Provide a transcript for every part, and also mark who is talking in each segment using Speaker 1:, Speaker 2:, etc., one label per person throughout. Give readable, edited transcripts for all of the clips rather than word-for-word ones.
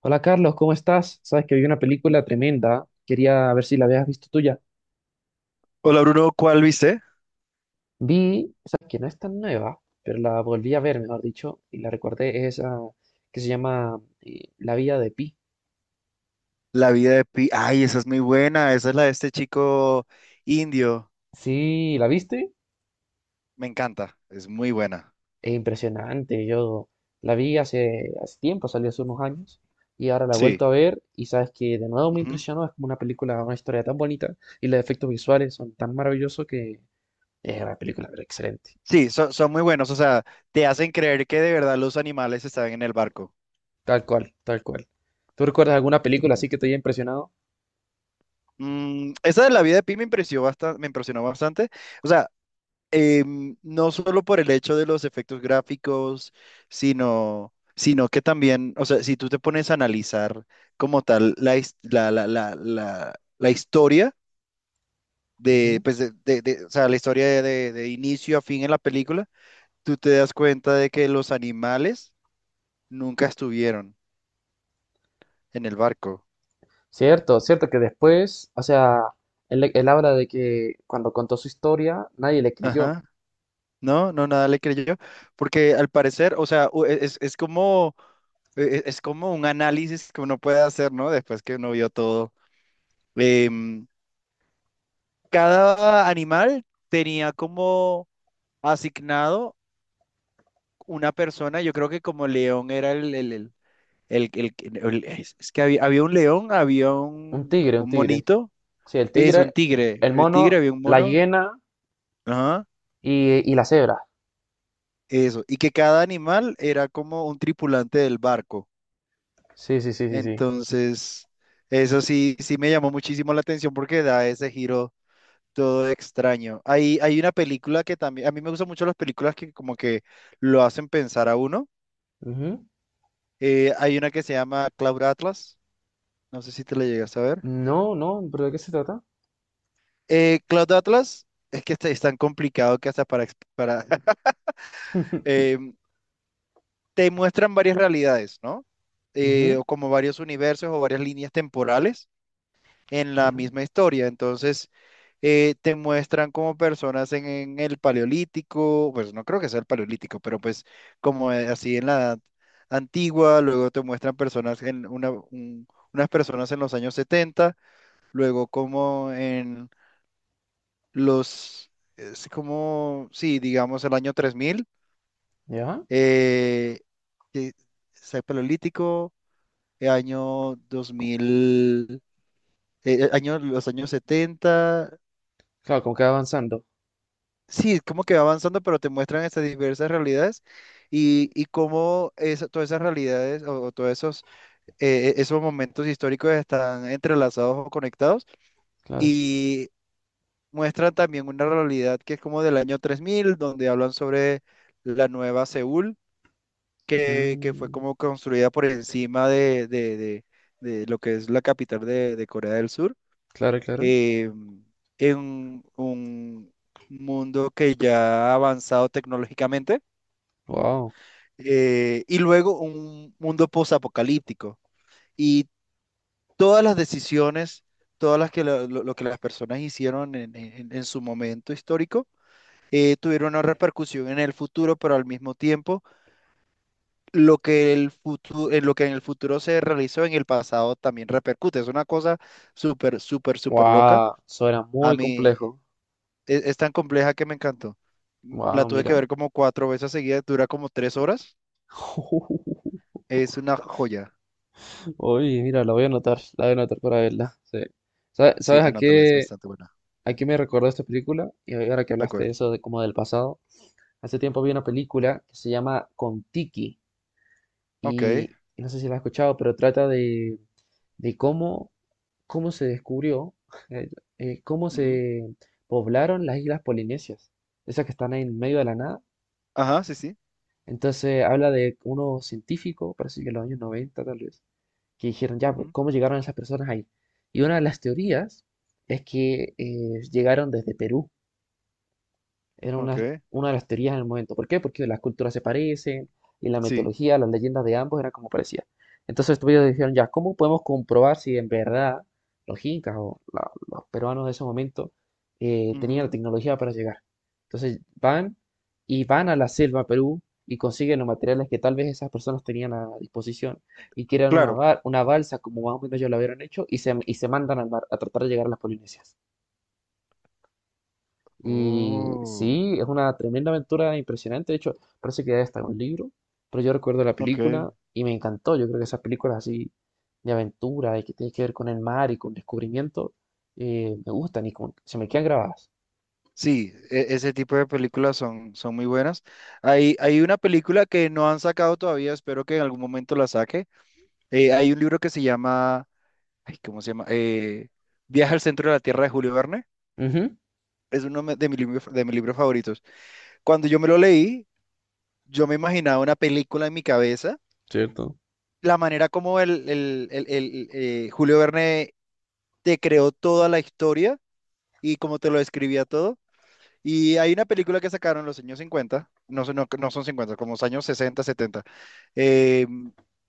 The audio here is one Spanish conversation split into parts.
Speaker 1: Hola Carlos, ¿cómo estás? Sabes que vi una película tremenda, quería ver si la habías visto tuya.
Speaker 2: Hola Bruno, ¿cuál viste?
Speaker 1: Vi, sabes que no es tan nueva, pero la volví a ver, mejor dicho, y la recordé, es esa que se llama La vida de Pi.
Speaker 2: La vida de Pi. Ay, esa es muy buena. Esa es la de este chico indio.
Speaker 1: Sí, ¿la viste?
Speaker 2: Me encanta. Es muy buena.
Speaker 1: Es impresionante, yo la vi hace tiempo, salió hace unos años, y ahora la he
Speaker 2: Sí.
Speaker 1: vuelto a ver, y sabes que de nuevo me
Speaker 2: Ujú.
Speaker 1: impresionó, es como una película, una historia tan bonita, y los efectos visuales son tan maravillosos que es una película pero excelente.
Speaker 2: Sí, son muy buenos. O sea, te hacen creer que de verdad los animales están en el barco.
Speaker 1: Tal cual, tal cual. ¿Tú recuerdas alguna película así
Speaker 2: Sí.
Speaker 1: que te haya impresionado?
Speaker 2: Mm, esa de la vida de Pi me impresionó bastante, me impresionó bastante. O sea, no solo por el hecho de los efectos gráficos, sino que también, o sea, si tú te pones a analizar como tal la, his- la, la, la, la la historia. de,
Speaker 1: Ujú.
Speaker 2: pues de, de- de- o sea, la historia de inicio a fin en la película, tú te das cuenta de que los animales nunca estuvieron en el barco.
Speaker 1: Cierto, cierto que después, o sea, él habla de que cuando contó su historia, nadie le creyó.
Speaker 2: Ajá. No, no, nada le creyó. Porque al parecer, o sea, es como, es como un análisis que uno puede hacer, ¿no? Después que uno vio todo. Em, cada animal tenía como asignado una persona. Yo creo que como león era El, el- es que había un león, había
Speaker 1: Un
Speaker 2: un,
Speaker 1: tigre, un
Speaker 2: un
Speaker 1: tigre.
Speaker 2: monito,
Speaker 1: Sí, el
Speaker 2: es un
Speaker 1: tigre,
Speaker 2: tigre,
Speaker 1: el
Speaker 2: el tigre
Speaker 1: mono,
Speaker 2: había un
Speaker 1: la
Speaker 2: mono,
Speaker 1: hiena
Speaker 2: ajá,
Speaker 1: y la cebra.
Speaker 2: eso, y que cada animal era como un tripulante del barco.
Speaker 1: Sí, sí, sí, sí, sí.
Speaker 2: Entonces, eso sí, sí me llamó muchísimo la atención porque da ese giro todo extraño. Hay una película que también, a mí me gustan mucho las películas que como que lo hacen pensar a uno.
Speaker 1: Ujú.
Speaker 2: Hay una que se llama Cloud Atlas, no sé si te la llegas a ver.
Speaker 1: No, no, ¿pero de qué se trata?
Speaker 2: Cloud Atlas es que este es tan complicado que hasta para eh, te muestran varias realidades, ¿no? Eh,
Speaker 1: Ujú.
Speaker 2: o como varios universos o varias líneas temporales en la
Speaker 1: Ya,
Speaker 2: misma historia. Entonces, te muestran como personas en, el paleolítico, pues no creo que sea el paleolítico, pero pues como así en la edad antigua. Luego te muestran personas en unas personas en los años 70, luego como los, es como, sí, digamos el año 3000.
Speaker 1: ya.
Speaker 2: eh, que es paleolítico, el año 2000, los años setenta.
Speaker 1: Claro, como que va avanzando.
Speaker 2: Sí, como que va avanzando, pero te muestran estas diversas realidades, y cómo todas esas realidades, o todos esos, esos momentos históricos están entrelazados o conectados.
Speaker 1: Claro.
Speaker 2: Y muestran también una realidad que es como del año 3000, donde hablan sobre la nueva Seúl que fue
Speaker 1: Ujú.
Speaker 2: como construida por encima de lo que es la capital de Corea del Sur,
Speaker 1: Claro, claro.
Speaker 2: eh, en un mundo que ya ha avanzado tecnológicamente,
Speaker 1: Wow.
Speaker 2: y luego un mundo posapocalíptico. Y todas las decisiones, todas las que lo que las personas hicieron en su momento histórico, tuvieron una repercusión en el futuro, pero al mismo tiempo lo que en el futuro se realizó en el pasado también repercute. Es una cosa súper, súper, súper loca.
Speaker 1: Wow, eso era
Speaker 2: A
Speaker 1: muy
Speaker 2: mí
Speaker 1: complejo.
Speaker 2: es tan compleja que me encantó. La
Speaker 1: Wow,
Speaker 2: tuve que
Speaker 1: mira.
Speaker 2: ver como cuatro veces seguidas, dura como 3 horas. Es una joya.
Speaker 1: Oye, mira, la voy a anotar, la voy a anotar para verla. Sí.
Speaker 2: Sí,
Speaker 1: ¿Sabes
Speaker 2: anótala, es bastante buena.
Speaker 1: a qué me recordó esta película? Y ahora que
Speaker 2: De
Speaker 1: hablaste de
Speaker 2: acuerdo.
Speaker 1: eso, de como del pasado. Hace tiempo vi una película que se llama Kon-Tiki
Speaker 2: Ok.
Speaker 1: y no sé si la has escuchado, pero trata de cómo, cómo se descubrió, eh, cómo
Speaker 2: Ujú.
Speaker 1: se poblaron las islas polinesias, esas que están ahí en medio de la nada.
Speaker 2: Ajá, sí, sí.
Speaker 1: Entonces habla de unos científicos, parece que en los años 90, tal vez que dijeron, ya, pues,
Speaker 2: Ujú.
Speaker 1: ¿cómo llegaron esas personas ahí? Y una de las teorías es que llegaron desde Perú era
Speaker 2: Ok.
Speaker 1: una de las teorías en el momento. ¿Por qué? Porque las culturas se parecen y la
Speaker 2: Sí.
Speaker 1: mitología, las leyendas de ambos eran como parecían. Entonces ellos dijeron, ya, ¿cómo podemos comprobar si en verdad los incas o los peruanos de ese momento tenían la
Speaker 2: Ujú.
Speaker 1: tecnología para llegar? Entonces van y van a la selva Perú y consiguen los materiales que tal vez esas personas tenían a disposición y crean una,
Speaker 2: Claro.
Speaker 1: una balsa como más o menos ellos la hubieran hecho y se mandan al mar a tratar de llegar a las Polinesias. Y sí,
Speaker 2: Oh,
Speaker 1: es una tremenda aventura impresionante. De hecho, parece que ya está en un libro, pero yo recuerdo la
Speaker 2: ok.
Speaker 1: película y me encantó. Yo creo que esas películas así de aventura y que tienen que ver con el mar y con descubrimiento me gustan y como que se me quedan grabadas.
Speaker 2: Sí, ese tipo de películas son muy buenas. Hay una película que no han sacado todavía, espero que en algún momento la saque. Hay un libro que se llama, ay, ¿cómo se llama? Viaje al centro de la Tierra de Julio Verne.
Speaker 1: Ujú,
Speaker 2: Es uno de mis libros favoritos. Cuando yo me lo leí, yo me imaginaba una película en mi cabeza.
Speaker 1: cierto.
Speaker 2: La manera como Julio Verne te creó toda la historia y cómo te lo describía todo. Y hay una película que sacaron en los años 50, no, no, no son 50, como los años 60 70, eh,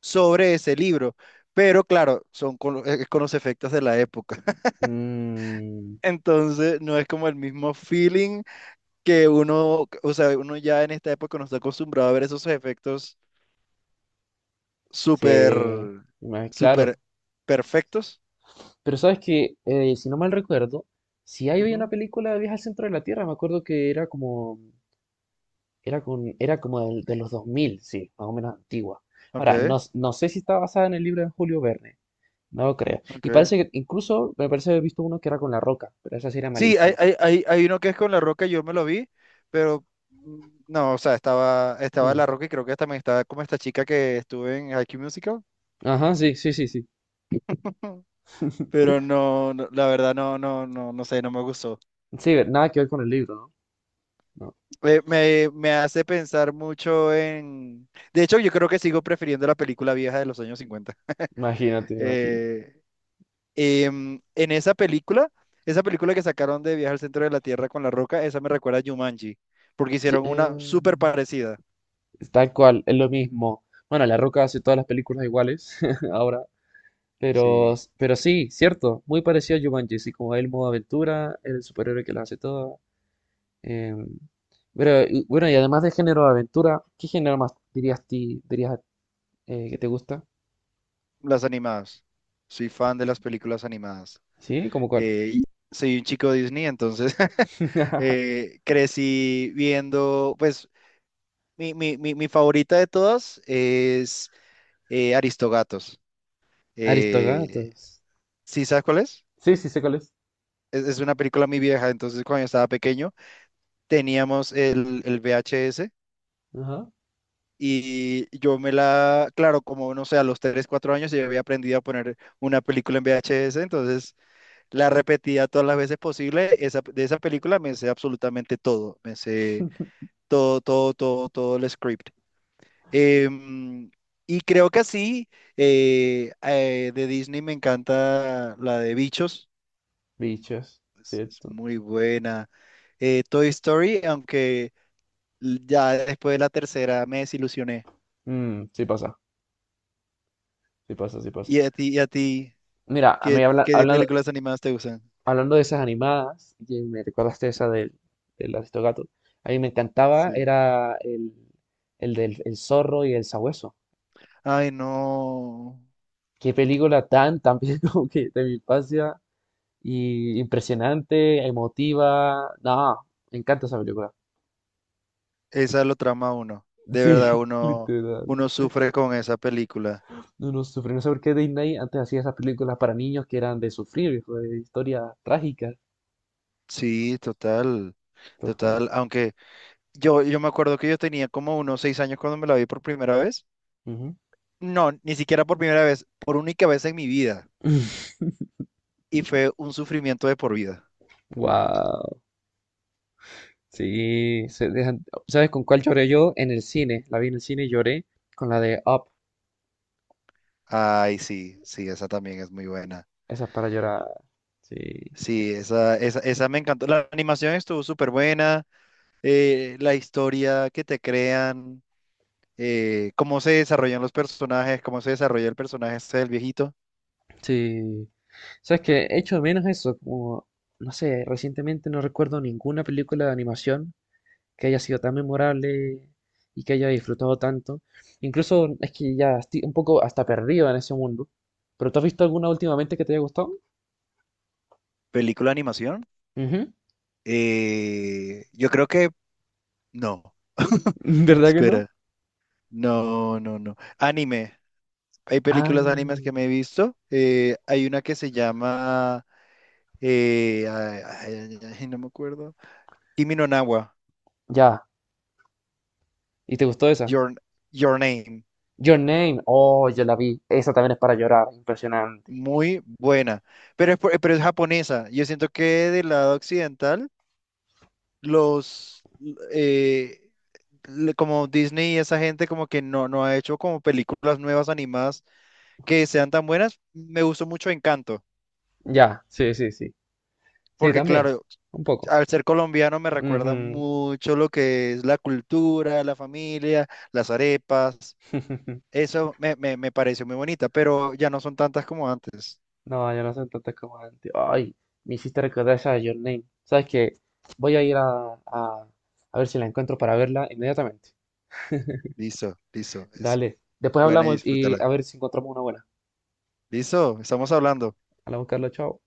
Speaker 2: sobre ese libro. Pero claro, son con, es con los efectos de la época.
Speaker 1: Mm,
Speaker 2: Entonces, no es como el mismo feeling que uno, o sea, uno ya en esta época no está acostumbrado a ver esos efectos súper,
Speaker 1: se- claro.
Speaker 2: súper perfectos.
Speaker 1: Pero sabes que, si no mal recuerdo, si hay hoy una
Speaker 2: Ujú.
Speaker 1: película de Viaje al Centro de la Tierra, me acuerdo que era como Era, con, era como de, los 2000 sí, más o menos antigua. Ahora, no,
Speaker 2: Ok,
Speaker 1: no sé si está basada en el libro de Julio Verne, no lo creo. Y
Speaker 2: ok.
Speaker 1: parece que incluso me parece haber visto uno que era con La Roca, pero esa sí era
Speaker 2: Sí, hay,
Speaker 1: malísima.
Speaker 2: hay, hay, hay uno que es con La Roca, yo me lo vi, pero mm, no, o sea, estaba
Speaker 1: Mm.
Speaker 2: La Roca, y creo que también estaba como esta chica que estuve en High School Musical.
Speaker 1: Ajá, sí, sí, sí, sí.
Speaker 2: Pero no, no, la verdad no, no, no, no sé, no me gustó.
Speaker 1: Sí, nada que ver con el libro, ¿no? No,
Speaker 2: Me hace pensar mucho en. De hecho, yo creo que sigo prefiriendo la película vieja de los años 50.
Speaker 1: imagínate, imagínate.
Speaker 2: Eh, em, en esa película, esa película que sacaron de Viaje al Centro de la Tierra con La Roca, esa me recuerda a Jumanji, porque
Speaker 1: Sí,
Speaker 2: hicieron una súper parecida.
Speaker 1: tal cual, es lo mismo. Bueno, La Roca hace todas las películas iguales ahora, pero,
Speaker 2: Sí.
Speaker 1: pero sí, cierto, muy parecido a Jumanji, así como el modo aventura, el superhéroe que las hace todas. Eh, pero, bueno, y además de género de aventura, ¿qué género más dirías, ti, dirías que te gusta?
Speaker 2: Las animadas. Soy fan de las películas animadas.
Speaker 1: ¿Sí? ¿Cómo cuál?
Speaker 2: Y soy un chico Disney, entonces crecí viendo, pues mi favorita de todas es Aristogatos. Eh,
Speaker 1: Aristogatos.
Speaker 2: ¿Sí sabes cuál es?
Speaker 1: Sí, sí, sé cuál es.
Speaker 2: Es una película muy vieja, entonces cuando yo estaba pequeño teníamos el VHS,
Speaker 1: Ajá.
Speaker 2: y yo me la, claro, como no sé, a los 3 4 años yo había aprendido a poner una película en VHS, entonces. La repetía todas las veces posible. De esa película me sé absolutamente todo. Me sé todo, todo, todo, todo el script. Em, y creo que así, de Disney me encanta la de Bichos.
Speaker 1: Bichos,
Speaker 2: Es
Speaker 1: ¿cierto?
Speaker 2: muy buena. Toy Story, aunque ya después de la tercera me desilusioné.
Speaker 1: Mm, sí pasa, sí pasa, sí pasa.
Speaker 2: ¿Y a ti,
Speaker 1: Mira, a mí
Speaker 2: qué, qué
Speaker 1: hablando,
Speaker 2: películas animadas te gustan?
Speaker 1: hablando de esas animadas, que me recordaste esa del, del Aristogato, a mí me encantaba,
Speaker 2: Sí.
Speaker 1: era el del el zorro y el sabueso.
Speaker 2: Ay, no.
Speaker 1: Qué película tan, tan bien como que de mi infancia, y impresionante, emotiva. No, me encanta esa película.
Speaker 2: Esa lo trama uno. De verdad,
Speaker 1: Sí,
Speaker 2: uno,
Speaker 1: literal.
Speaker 2: uno sufre con esa película.
Speaker 1: Uno sufre. No sé por qué Disney antes hacía esas películas para niños que eran de sufrir, de historias trágicas.
Speaker 2: Sí, total,
Speaker 1: Total.
Speaker 2: total. Aunque yo me acuerdo que yo tenía como unos 6 años cuando me la vi por primera vez.
Speaker 1: Ujú.
Speaker 2: No, ni siquiera por primera vez, por única vez en mi vida. Y fue un sufrimiento de por vida.
Speaker 1: Wow, sí, ¿Sabes con cuál lloré yo? En el cine, la vi en el cine y lloré con la de Up,
Speaker 2: Ay, sí, sí, esa también es muy buena.
Speaker 1: esa es para llorar, sí,
Speaker 2: Sí, esa me encantó. La animación estuvo súper buena. La historia que te crean. Cómo se desarrollan los personajes, cómo se desarrolla el personaje este del viejito.
Speaker 1: sí, ¿sabes qué? Hecho de menos eso, como, no sé, recientemente no recuerdo ninguna película de animación que haya sido tan memorable y que haya disfrutado tanto. Incluso es que ya estoy un poco hasta perdido en ese mundo. ¿Pero tú has visto alguna últimamente que te haya gustado?
Speaker 2: Película de animación.
Speaker 1: Ujú.
Speaker 2: Yo creo que no.
Speaker 1: ¿Verdad que no?
Speaker 2: Espera. No, no, no. Anime. Hay
Speaker 1: Ah,
Speaker 2: películas animes que me he visto. Hay una que se llama. Ay, ay, ay, ay, no me acuerdo. Kimi no na wa,
Speaker 1: ya. ¿Y te gustó esa?
Speaker 2: Your, Your Name.
Speaker 1: Your Name. Oh, yo la vi. Esa también es para llorar. Impresionante.
Speaker 2: Muy buena. Pero es japonesa. Yo siento que del lado occidental, los. eh, como Disney y esa gente como que no, ha hecho como películas nuevas animadas que sean tan buenas. Me gustó mucho Encanto,
Speaker 1: Ya, sí, sí, sí. Sí,
Speaker 2: porque
Speaker 1: también.
Speaker 2: claro,
Speaker 1: Un poco.
Speaker 2: al ser colombiano me recuerda
Speaker 1: Ujú.
Speaker 2: mucho lo que es la cultura, la familia, las arepas. Eso me, me pareció muy bonita, pero ya no son tantas como antes.
Speaker 1: No, yo no soy tantas como antes. Ay, me hiciste recordar esa de Your Name. ¿Sabes qué? Voy a ir a, a ver si la encuentro para verla inmediatamente.
Speaker 2: Listo, listo, es
Speaker 1: Dale. Después
Speaker 2: buena y
Speaker 1: hablamos y
Speaker 2: disfrútala.
Speaker 1: a ver si encontramos una buena.
Speaker 2: Listo, estamos hablando.
Speaker 1: Hola, Carlos. Chao.